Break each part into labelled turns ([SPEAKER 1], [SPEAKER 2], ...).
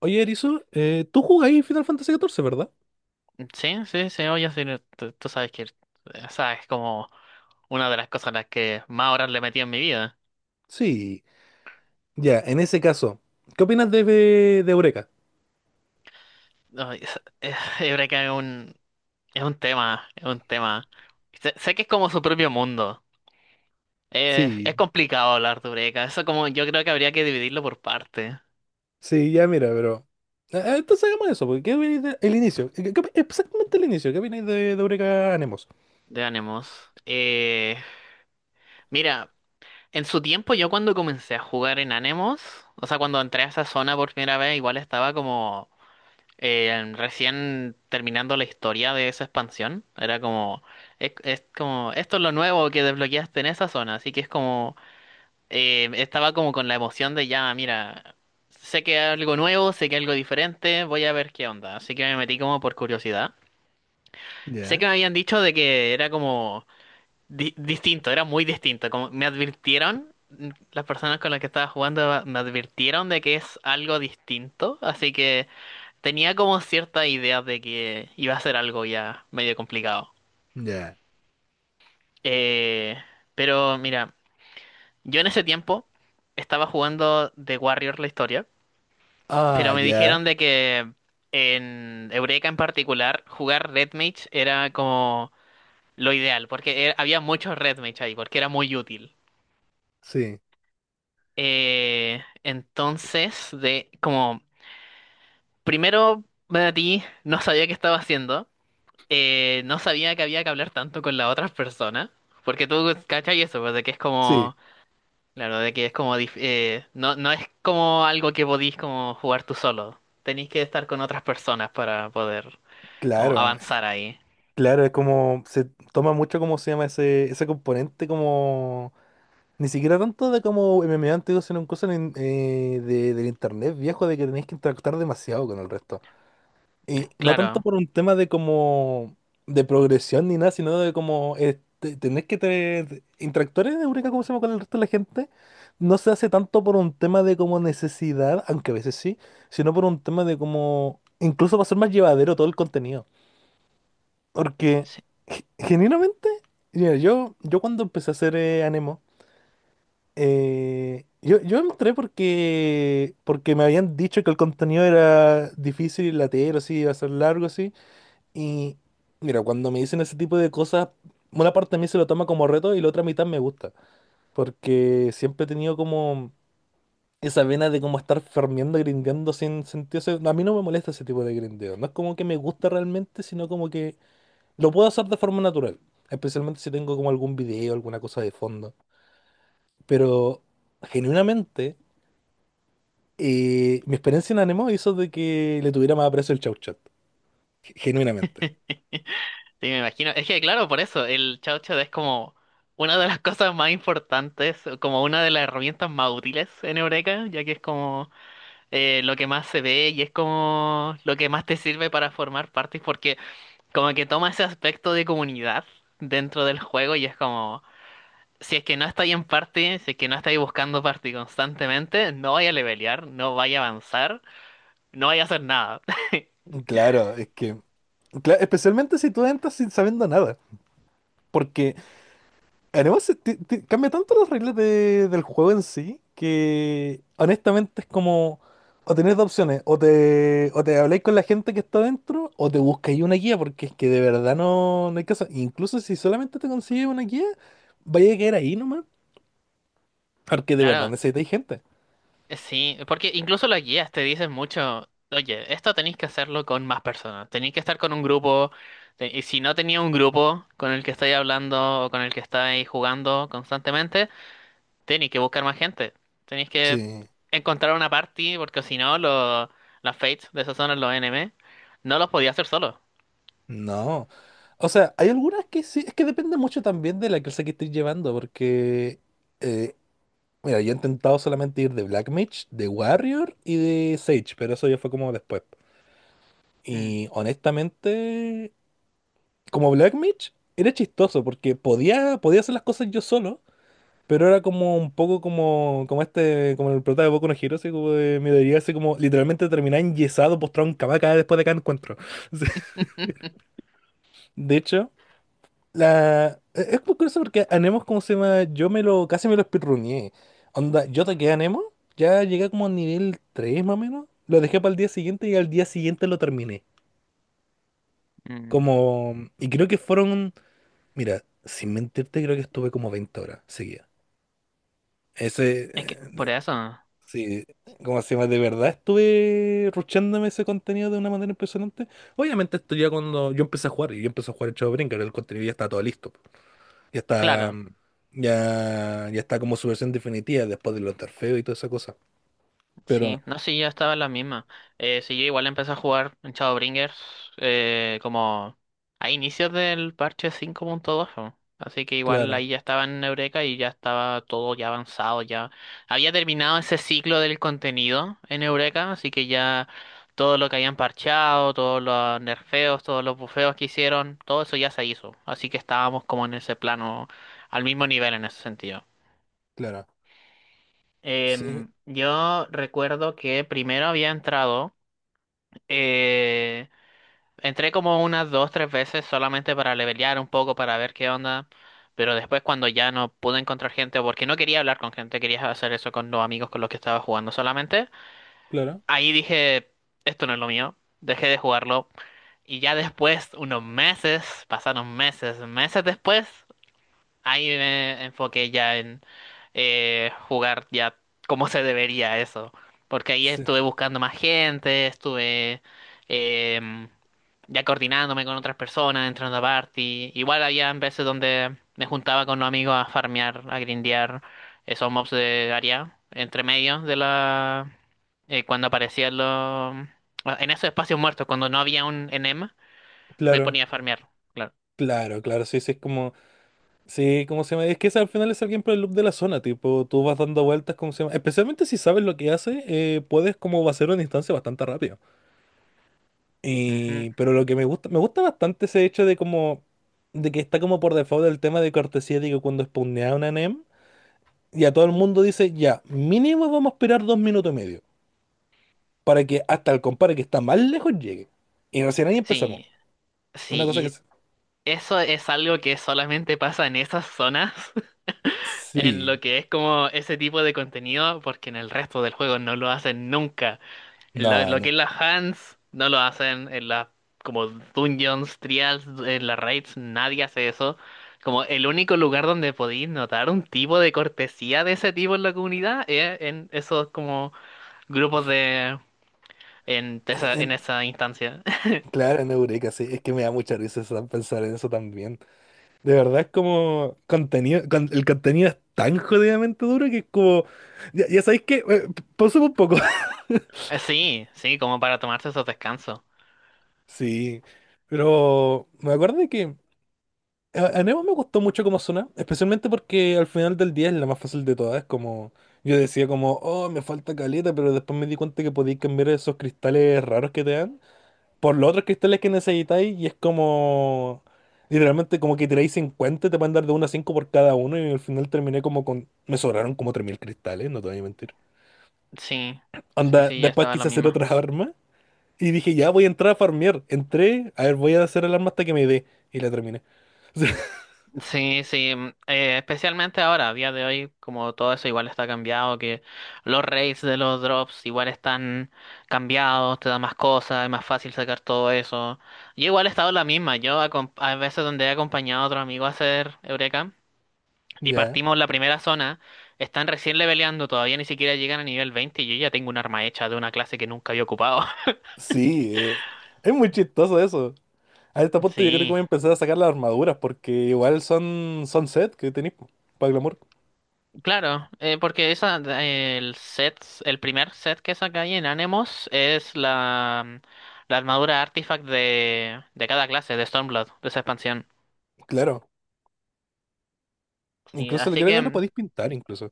[SPEAKER 1] Oye, Erizo, tú jugáis Final Fantasy XIV, ¿verdad?
[SPEAKER 2] Sí, sí, sí, oye, sí, no, tú sabes que, o sea, es como una de las cosas a las que más horas le metí en mi vida.
[SPEAKER 1] Sí. Ya, en ese caso, ¿qué opinas de Eureka?
[SPEAKER 2] No, yo creo que es un tema, es un tema. Sé que es como su propio mundo.
[SPEAKER 1] Sí.
[SPEAKER 2] Es complicado hablar de Eureka. Eso como, yo creo que habría que dividirlo por parte
[SPEAKER 1] Sí, ya mira, pero. Entonces hagamos eso, porque ¿qué opináis el inicio? Exactamente el inicio, ¿qué opináis de Eureka Anemos?
[SPEAKER 2] de Anemos. Eh, Mira, en su tiempo yo cuando comencé a jugar en Anemos, o sea, cuando entré a esa zona por primera vez, igual estaba como, recién terminando la historia de esa expansión, era como, es como, esto es lo nuevo que desbloqueaste en esa zona, así que es como, estaba como con la emoción de ya, mira, sé que hay algo nuevo, sé que hay algo diferente, voy a ver qué onda, así que me metí como por curiosidad. Sé
[SPEAKER 1] Ya,
[SPEAKER 2] que me habían dicho de que era como distinto, era muy distinto, como me advirtieron, las personas con las que estaba jugando me advirtieron de que es algo distinto, así que. Tenía como cierta idea de que iba a ser algo ya medio complicado.
[SPEAKER 1] ya.
[SPEAKER 2] Eh, pero mira, yo en ese tiempo estaba jugando The Warrior la historia,
[SPEAKER 1] Ah,
[SPEAKER 2] pero me
[SPEAKER 1] ya.
[SPEAKER 2] dijeron de que en Eureka en particular jugar Red Mage era como lo ideal, porque había muchos Red Mage ahí, porque era muy útil.
[SPEAKER 1] Sí,
[SPEAKER 2] Entonces, de como primero me metí, no sabía qué estaba haciendo. No sabía que había que hablar tanto con las otras personas, porque tú cachai eso, pues, de que es
[SPEAKER 1] sí,
[SPEAKER 2] como, claro, de que es como, no, no es como algo que podís como jugar tú solo, tenéis que estar con otras personas para poder como
[SPEAKER 1] claro,
[SPEAKER 2] avanzar ahí.
[SPEAKER 1] claro, es como. Se toma mucho, como se llama, ese componente, como ni siquiera tanto de como MMA antiguo, sino un cosa del internet viejo, de que tenéis que interactuar demasiado con el resto. Y no tanto
[SPEAKER 2] Claro.
[SPEAKER 1] por un tema de como de progresión ni nada, sino de como tenés que interactuar en Eureka, como se llama, con el resto de la gente. No se hace tanto por un tema de como necesidad, aunque a veces sí, sino por un tema de como incluso va a ser más llevadero todo el contenido. Porque
[SPEAKER 2] Sí,
[SPEAKER 1] genuinamente, mira, yo cuando empecé a hacer Anemo, yo entré porque me habían dicho que el contenido era difícil y latero, así iba a ser largo, así. Y mira, cuando me dicen ese tipo de cosas, una parte de mí se lo toma como reto y la otra mitad me gusta. Porque siempre he tenido como esa vena de como estar farmeando, grindeando sin sentido. O sea, a mí no me molesta ese tipo de grindeo. No es como que me gusta realmente, sino como que lo puedo hacer de forma natural. Especialmente si tengo como algún video, alguna cosa de fondo. Pero genuinamente. Y mi experiencia en Anemo hizo de que le tuviera más aprecio el Chau Chat, genuinamente.
[SPEAKER 2] sí, me imagino, es que claro, por eso, el Chao Chao es como una de las cosas más importantes, como una de las herramientas más útiles en Eureka, ya que es como lo que más se ve y es como lo que más te sirve para formar partes, porque como que toma ese aspecto de comunidad dentro del juego y es como, si es que no estáis en party, si es que no estáis buscando party constantemente, no vaya a levelear, no vaya a avanzar, no vaya a hacer nada.
[SPEAKER 1] Claro, es que, especialmente si tú entras sin sabiendo nada, porque Anemo cambia tanto las reglas del juego en sí que honestamente es como, o tenés dos opciones, o te habláis con la gente que está adentro, o te buscáis una guía, porque es que de verdad no hay caso. Incluso si solamente te consigues una guía, vaya a quedar ahí nomás, porque de verdad
[SPEAKER 2] Claro,
[SPEAKER 1] necesitáis gente.
[SPEAKER 2] sí, porque incluso las guías te dicen mucho, oye, esto tenéis que hacerlo con más personas, tenéis que estar con un grupo, te- y si no tenía un grupo con el que estáis hablando o con el que estáis jugando constantemente, tenéis que buscar más gente. Tenéis que
[SPEAKER 1] Sí.
[SPEAKER 2] encontrar una party, porque si no, los las Fates de esa zona, los NM, no los podía hacer solo.
[SPEAKER 1] No. O sea, hay algunas que sí, es que depende mucho también de la clase que estés llevando, porque, eh, mira, yo he intentado solamente ir de Black Mage, de Warrior y de Sage, pero eso ya fue como después.
[SPEAKER 2] Mm.
[SPEAKER 1] Y honestamente, como Black Mage, era chistoso, porque podía hacer las cosas yo solo, pero era como un poco como, como este, como el prota de Boku no Hero, así como de, me daría así como literalmente terminar enyesado, postrado en cama cada después de cada encuentro. De hecho. Es muy curioso porque Anemo, ¿cómo se llama? Yo casi me lo speedruneé. Onda, yo toqué Anemo, ya llegué como a nivel 3 más o menos. Lo dejé para el día siguiente y al día siguiente lo terminé.
[SPEAKER 2] Mm.
[SPEAKER 1] Como. Y creo que fueron. Mira, sin mentirte, creo que estuve como 20 horas seguidas. Ese...
[SPEAKER 2] Es
[SPEAKER 1] eh,
[SPEAKER 2] que, por
[SPEAKER 1] de-
[SPEAKER 2] eso,
[SPEAKER 1] Sí, ¿cómo se llama? De verdad estuve ruchándome ese contenido de una manera impresionante. Obviamente esto ya cuando yo empecé a jugar, y yo empecé a jugar el Chavo Brincar, el contenido ya está todo listo. Ya está.
[SPEAKER 2] claro.
[SPEAKER 1] Ya, ya está como su versión definitiva después de los Tarfeos y toda esa cosa.
[SPEAKER 2] Sí,
[SPEAKER 1] Pero,
[SPEAKER 2] no, sí, ya estaba en la misma. Sí, yo igual empecé a jugar en Shadowbringers como a inicios del parche 5.2, ¿no? Así que igual
[SPEAKER 1] claro,
[SPEAKER 2] ahí ya estaba en Eureka y ya estaba todo ya avanzado, ya había terminado ese ciclo del contenido en Eureka, así que ya todo lo que habían parchado, todos los nerfeos, todos los bufeos que hicieron, todo eso ya se hizo. Así que estábamos como en ese plano, al mismo nivel en ese sentido.
[SPEAKER 1] claro, sí,
[SPEAKER 2] Yo recuerdo que primero había entrado, eh, entré como unas dos, tres veces solamente para levelear un poco, para ver qué onda, pero después cuando ya no pude encontrar gente, o porque no quería hablar con gente, quería hacer eso con los amigos con los que estaba jugando solamente,
[SPEAKER 1] claro,
[SPEAKER 2] ahí dije, esto no es lo mío, dejé de jugarlo, y ya después, unos meses, pasaron meses, meses después, ahí me enfoqué ya en jugar ya como se debería eso, porque ahí
[SPEAKER 1] sí,
[SPEAKER 2] estuve buscando más gente, estuve em, ya coordinándome con otras personas, entrando a party. Igual había veces donde me juntaba con los amigos a farmear, a grindear esos mobs de área, entre medio de la cuando aparecían los. En esos espacios muertos, cuando no había un enema, me
[SPEAKER 1] claro,
[SPEAKER 2] ponía a farmear. Claro.
[SPEAKER 1] claro, claro, sí, sí, es como, sí, ¿cómo se llama? Es que ese al final es alguien por el loop de la zona, tipo, tú vas dando vueltas, ¿cómo se llama? Especialmente si sabes lo que hace, puedes como hacer una instancia bastante rápido.
[SPEAKER 2] Ujú.
[SPEAKER 1] Y, pero lo que me gusta bastante ese hecho de como, de que está como por default el tema de cortesía, digo, cuando spawnea una NEM. Y a todo el mundo dice, ya, mínimo vamos a esperar 2 minutos y medio para que hasta el compadre que está más lejos llegue. Y recién ahí empezamos.
[SPEAKER 2] Sí,
[SPEAKER 1] Una cosa que...
[SPEAKER 2] sí,
[SPEAKER 1] es-
[SPEAKER 2] eso es algo que solamente pasa en esas zonas, en lo
[SPEAKER 1] Sí,
[SPEAKER 2] que es como ese tipo de contenido, porque en el resto del juego no lo hacen nunca.
[SPEAKER 1] no,
[SPEAKER 2] Lo
[SPEAKER 1] no.
[SPEAKER 2] que es las hands, no lo hacen. En las como dungeons, trials, en las raids, nadie hace eso. Como el único lugar donde podéis notar un tipo de cortesía de ese tipo en la comunidad es en esos como grupos de, en
[SPEAKER 1] Eh,
[SPEAKER 2] esa,
[SPEAKER 1] eh,
[SPEAKER 2] en esa instancia.
[SPEAKER 1] claro, en Eureka, sí. Es que me da mucha risa, pensar en eso también. De verdad es como contenido, el contenido es tan jodidamente duro que es como. Ya, ya sabéis que. Pausa un poco.
[SPEAKER 2] Sí, sí, como para tomarse esos descansos.
[SPEAKER 1] Sí, pero me acuerdo de que a Nemo me gustó mucho como suena, especialmente porque al final del día es la más fácil de todas. Es como, yo decía como, oh, me falta caleta, pero después me di cuenta que podéis cambiar esos cristales raros que te dan por los otros cristales que necesitáis y es como, literalmente como que tiráis 50, te van a dar de 1 a 5 por cada uno y al final terminé como con, me sobraron como 3000 cristales, no te voy a mentir.
[SPEAKER 2] Sí, sí,
[SPEAKER 1] Anda,
[SPEAKER 2] sí, ya
[SPEAKER 1] después
[SPEAKER 2] estaba la
[SPEAKER 1] quise hacer
[SPEAKER 2] misma.
[SPEAKER 1] otra arma y dije, ya voy a entrar a farmear. Entré, a ver, voy a hacer el arma hasta que me dé y la terminé.
[SPEAKER 2] Sí, sí, especialmente ahora, a día de hoy, como todo eso igual está cambiado, que los rates de los drops igual están cambiados, te da más cosas, es más fácil sacar todo eso. Yo igual he estado en la misma, a veces donde he acompañado a otro amigo a hacer Eureka y
[SPEAKER 1] Ya.
[SPEAKER 2] partimos la primera zona, están recién leveleando, todavía ni siquiera llegan a nivel 20 y yo ya tengo un arma hecha de una clase que nunca había ocupado.
[SPEAKER 1] Sí, es muy chistoso eso. A este punto yo creo que
[SPEAKER 2] Sí.
[SPEAKER 1] voy a empezar a sacar las armaduras porque igual son, set que tenéis para glamour.
[SPEAKER 2] Claro, porque esa, el set, el primer set que saca ahí en Anemos es la armadura artifact de cada clase, de Stormblood, de esa expansión.
[SPEAKER 1] Claro,
[SPEAKER 2] Sí,
[SPEAKER 1] incluso
[SPEAKER 2] así
[SPEAKER 1] creo
[SPEAKER 2] que
[SPEAKER 1] que lo podéis pintar incluso.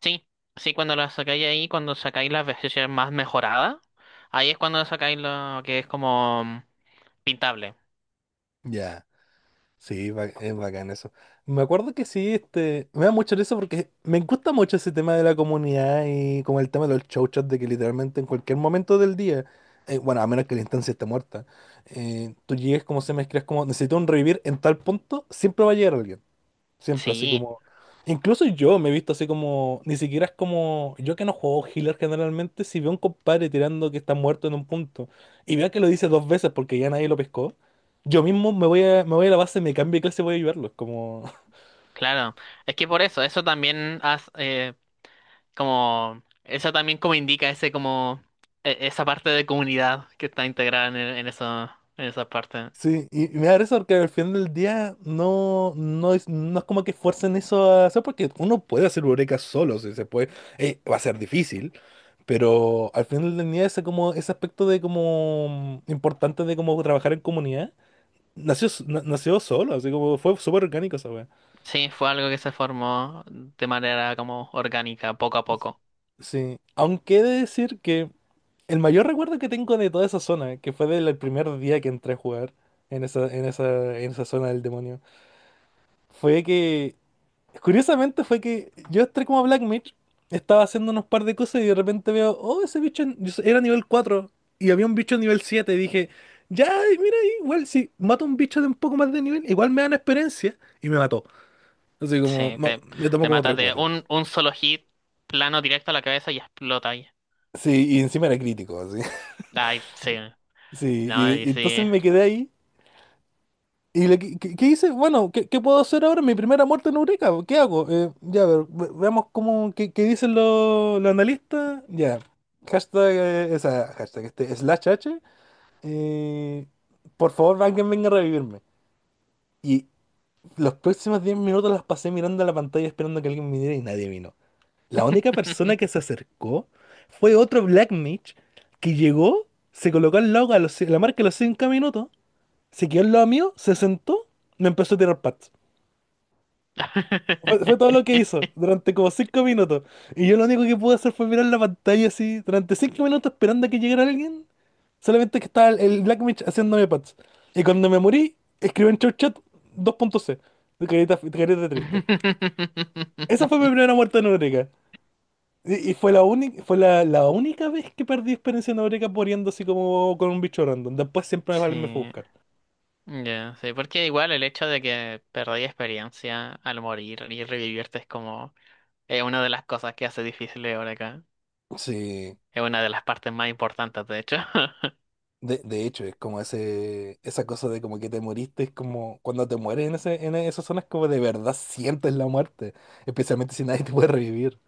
[SPEAKER 2] sí, sí, cuando la sacáis ahí, cuando sacáis la versión más mejorada, ahí es cuando sacáis lo que es como pintable.
[SPEAKER 1] Ya, sí, es bacán eso. Me acuerdo que sí, este, me da mucho eso porque me gusta mucho ese tema de la comunidad y como el tema de los show chats de que literalmente en cualquier momento del día, bueno, a menos que la instancia esté muerta, tú llegues como se mezclas como necesito un revivir en tal punto, siempre va a llegar alguien. Siempre así
[SPEAKER 2] Sí,
[SPEAKER 1] como. Incluso yo me he visto así como. Ni siquiera es como. Yo que no juego healer generalmente, si veo a un compadre tirando que está muerto en un punto y veo que lo dice 2 veces porque ya nadie lo pescó, yo mismo me voy a la base, me cambio de clase y voy a ayudarlo. Es como.
[SPEAKER 2] claro. Es que por eso, eso también hace, como, eso también como indica ese como, esa parte de comunidad que está integrada en esa parte.
[SPEAKER 1] Sí, y me da risa porque al final del día no, no es como que fuercen eso a hacer, porque uno puede hacer eureka solo, si se puede, va a ser difícil, pero al final del día ese, como, ese aspecto de como importante de como trabajar en comunidad. Nació solo, así como fue súper orgánico esa wea.
[SPEAKER 2] Sí, fue algo que se formó de manera como orgánica, poco a poco.
[SPEAKER 1] Sí. Aunque he de decir que el mayor recuerdo que tengo de toda esa zona, que fue del primer día que entré a jugar en esa, en esa zona del demonio, fue que, curiosamente fue que yo entré como a Black Mage, estaba haciendo unos par de cosas y de repente veo, oh, ese bicho era nivel 4 y había un bicho nivel 7 y dije, ya, y mira, igual si mato a un bicho de un poco más de nivel, igual me dan experiencia y me mató. Así como,
[SPEAKER 2] Sí,
[SPEAKER 1] no,
[SPEAKER 2] te,
[SPEAKER 1] le tomó
[SPEAKER 2] te
[SPEAKER 1] como
[SPEAKER 2] matas
[SPEAKER 1] tres.
[SPEAKER 2] de un solo hit, plano directo a la cabeza y explota ahí.
[SPEAKER 1] Sí, y encima era crítico, así.
[SPEAKER 2] Ay, sí,
[SPEAKER 1] Sí,
[SPEAKER 2] no, y
[SPEAKER 1] y entonces
[SPEAKER 2] sí.
[SPEAKER 1] me quedé ahí. ¿Y qué hice? Bueno, qué puedo hacer ahora? Mi primera muerte en Eureka. ¿Qué hago? Ya, a ver, veamos cómo, qué dicen los analistas. Ya, hashtag, hashtag, slash H. eh, por favor, alguien venga a revivirme. Y los próximos 10 minutos las pasé mirando a la pantalla esperando que alguien viniera y nadie vino. La única persona que se acercó fue otro Black Mage que llegó, se colocó al lado la marca a los 5 minutos, se quedó al lado mío, se sentó, me empezó a tirar pats. Fue todo lo que hizo durante como 5 minutos. Y yo lo único que pude hacer fue mirar la pantalla así durante 5 minutos esperando a que llegara alguien. Solamente que estaba el Black Mage haciéndome pats. Y cuando me morí, escribí en Chow Chat dos punto c, de carita triste. Esa fue mi primera muerte en Eureka. Y fue la única, fue la, la única vez que perdí experiencia en Eureka poniendo así como con un bicho random. Después siempre alguien me fue a
[SPEAKER 2] Sí.
[SPEAKER 1] buscar.
[SPEAKER 2] Ya, sí, porque igual el hecho de que perdí experiencia al morir y revivirte es como, es una de las cosas que hace difícil ahora acá.
[SPEAKER 1] Sí,
[SPEAKER 2] Es una de las partes más importantes, de hecho.
[SPEAKER 1] de hecho, es como ese, esa cosa de como que te moriste, es como cuando te mueres en ese, en esas zonas como de verdad sientes la muerte, especialmente si nadie te puede revivir.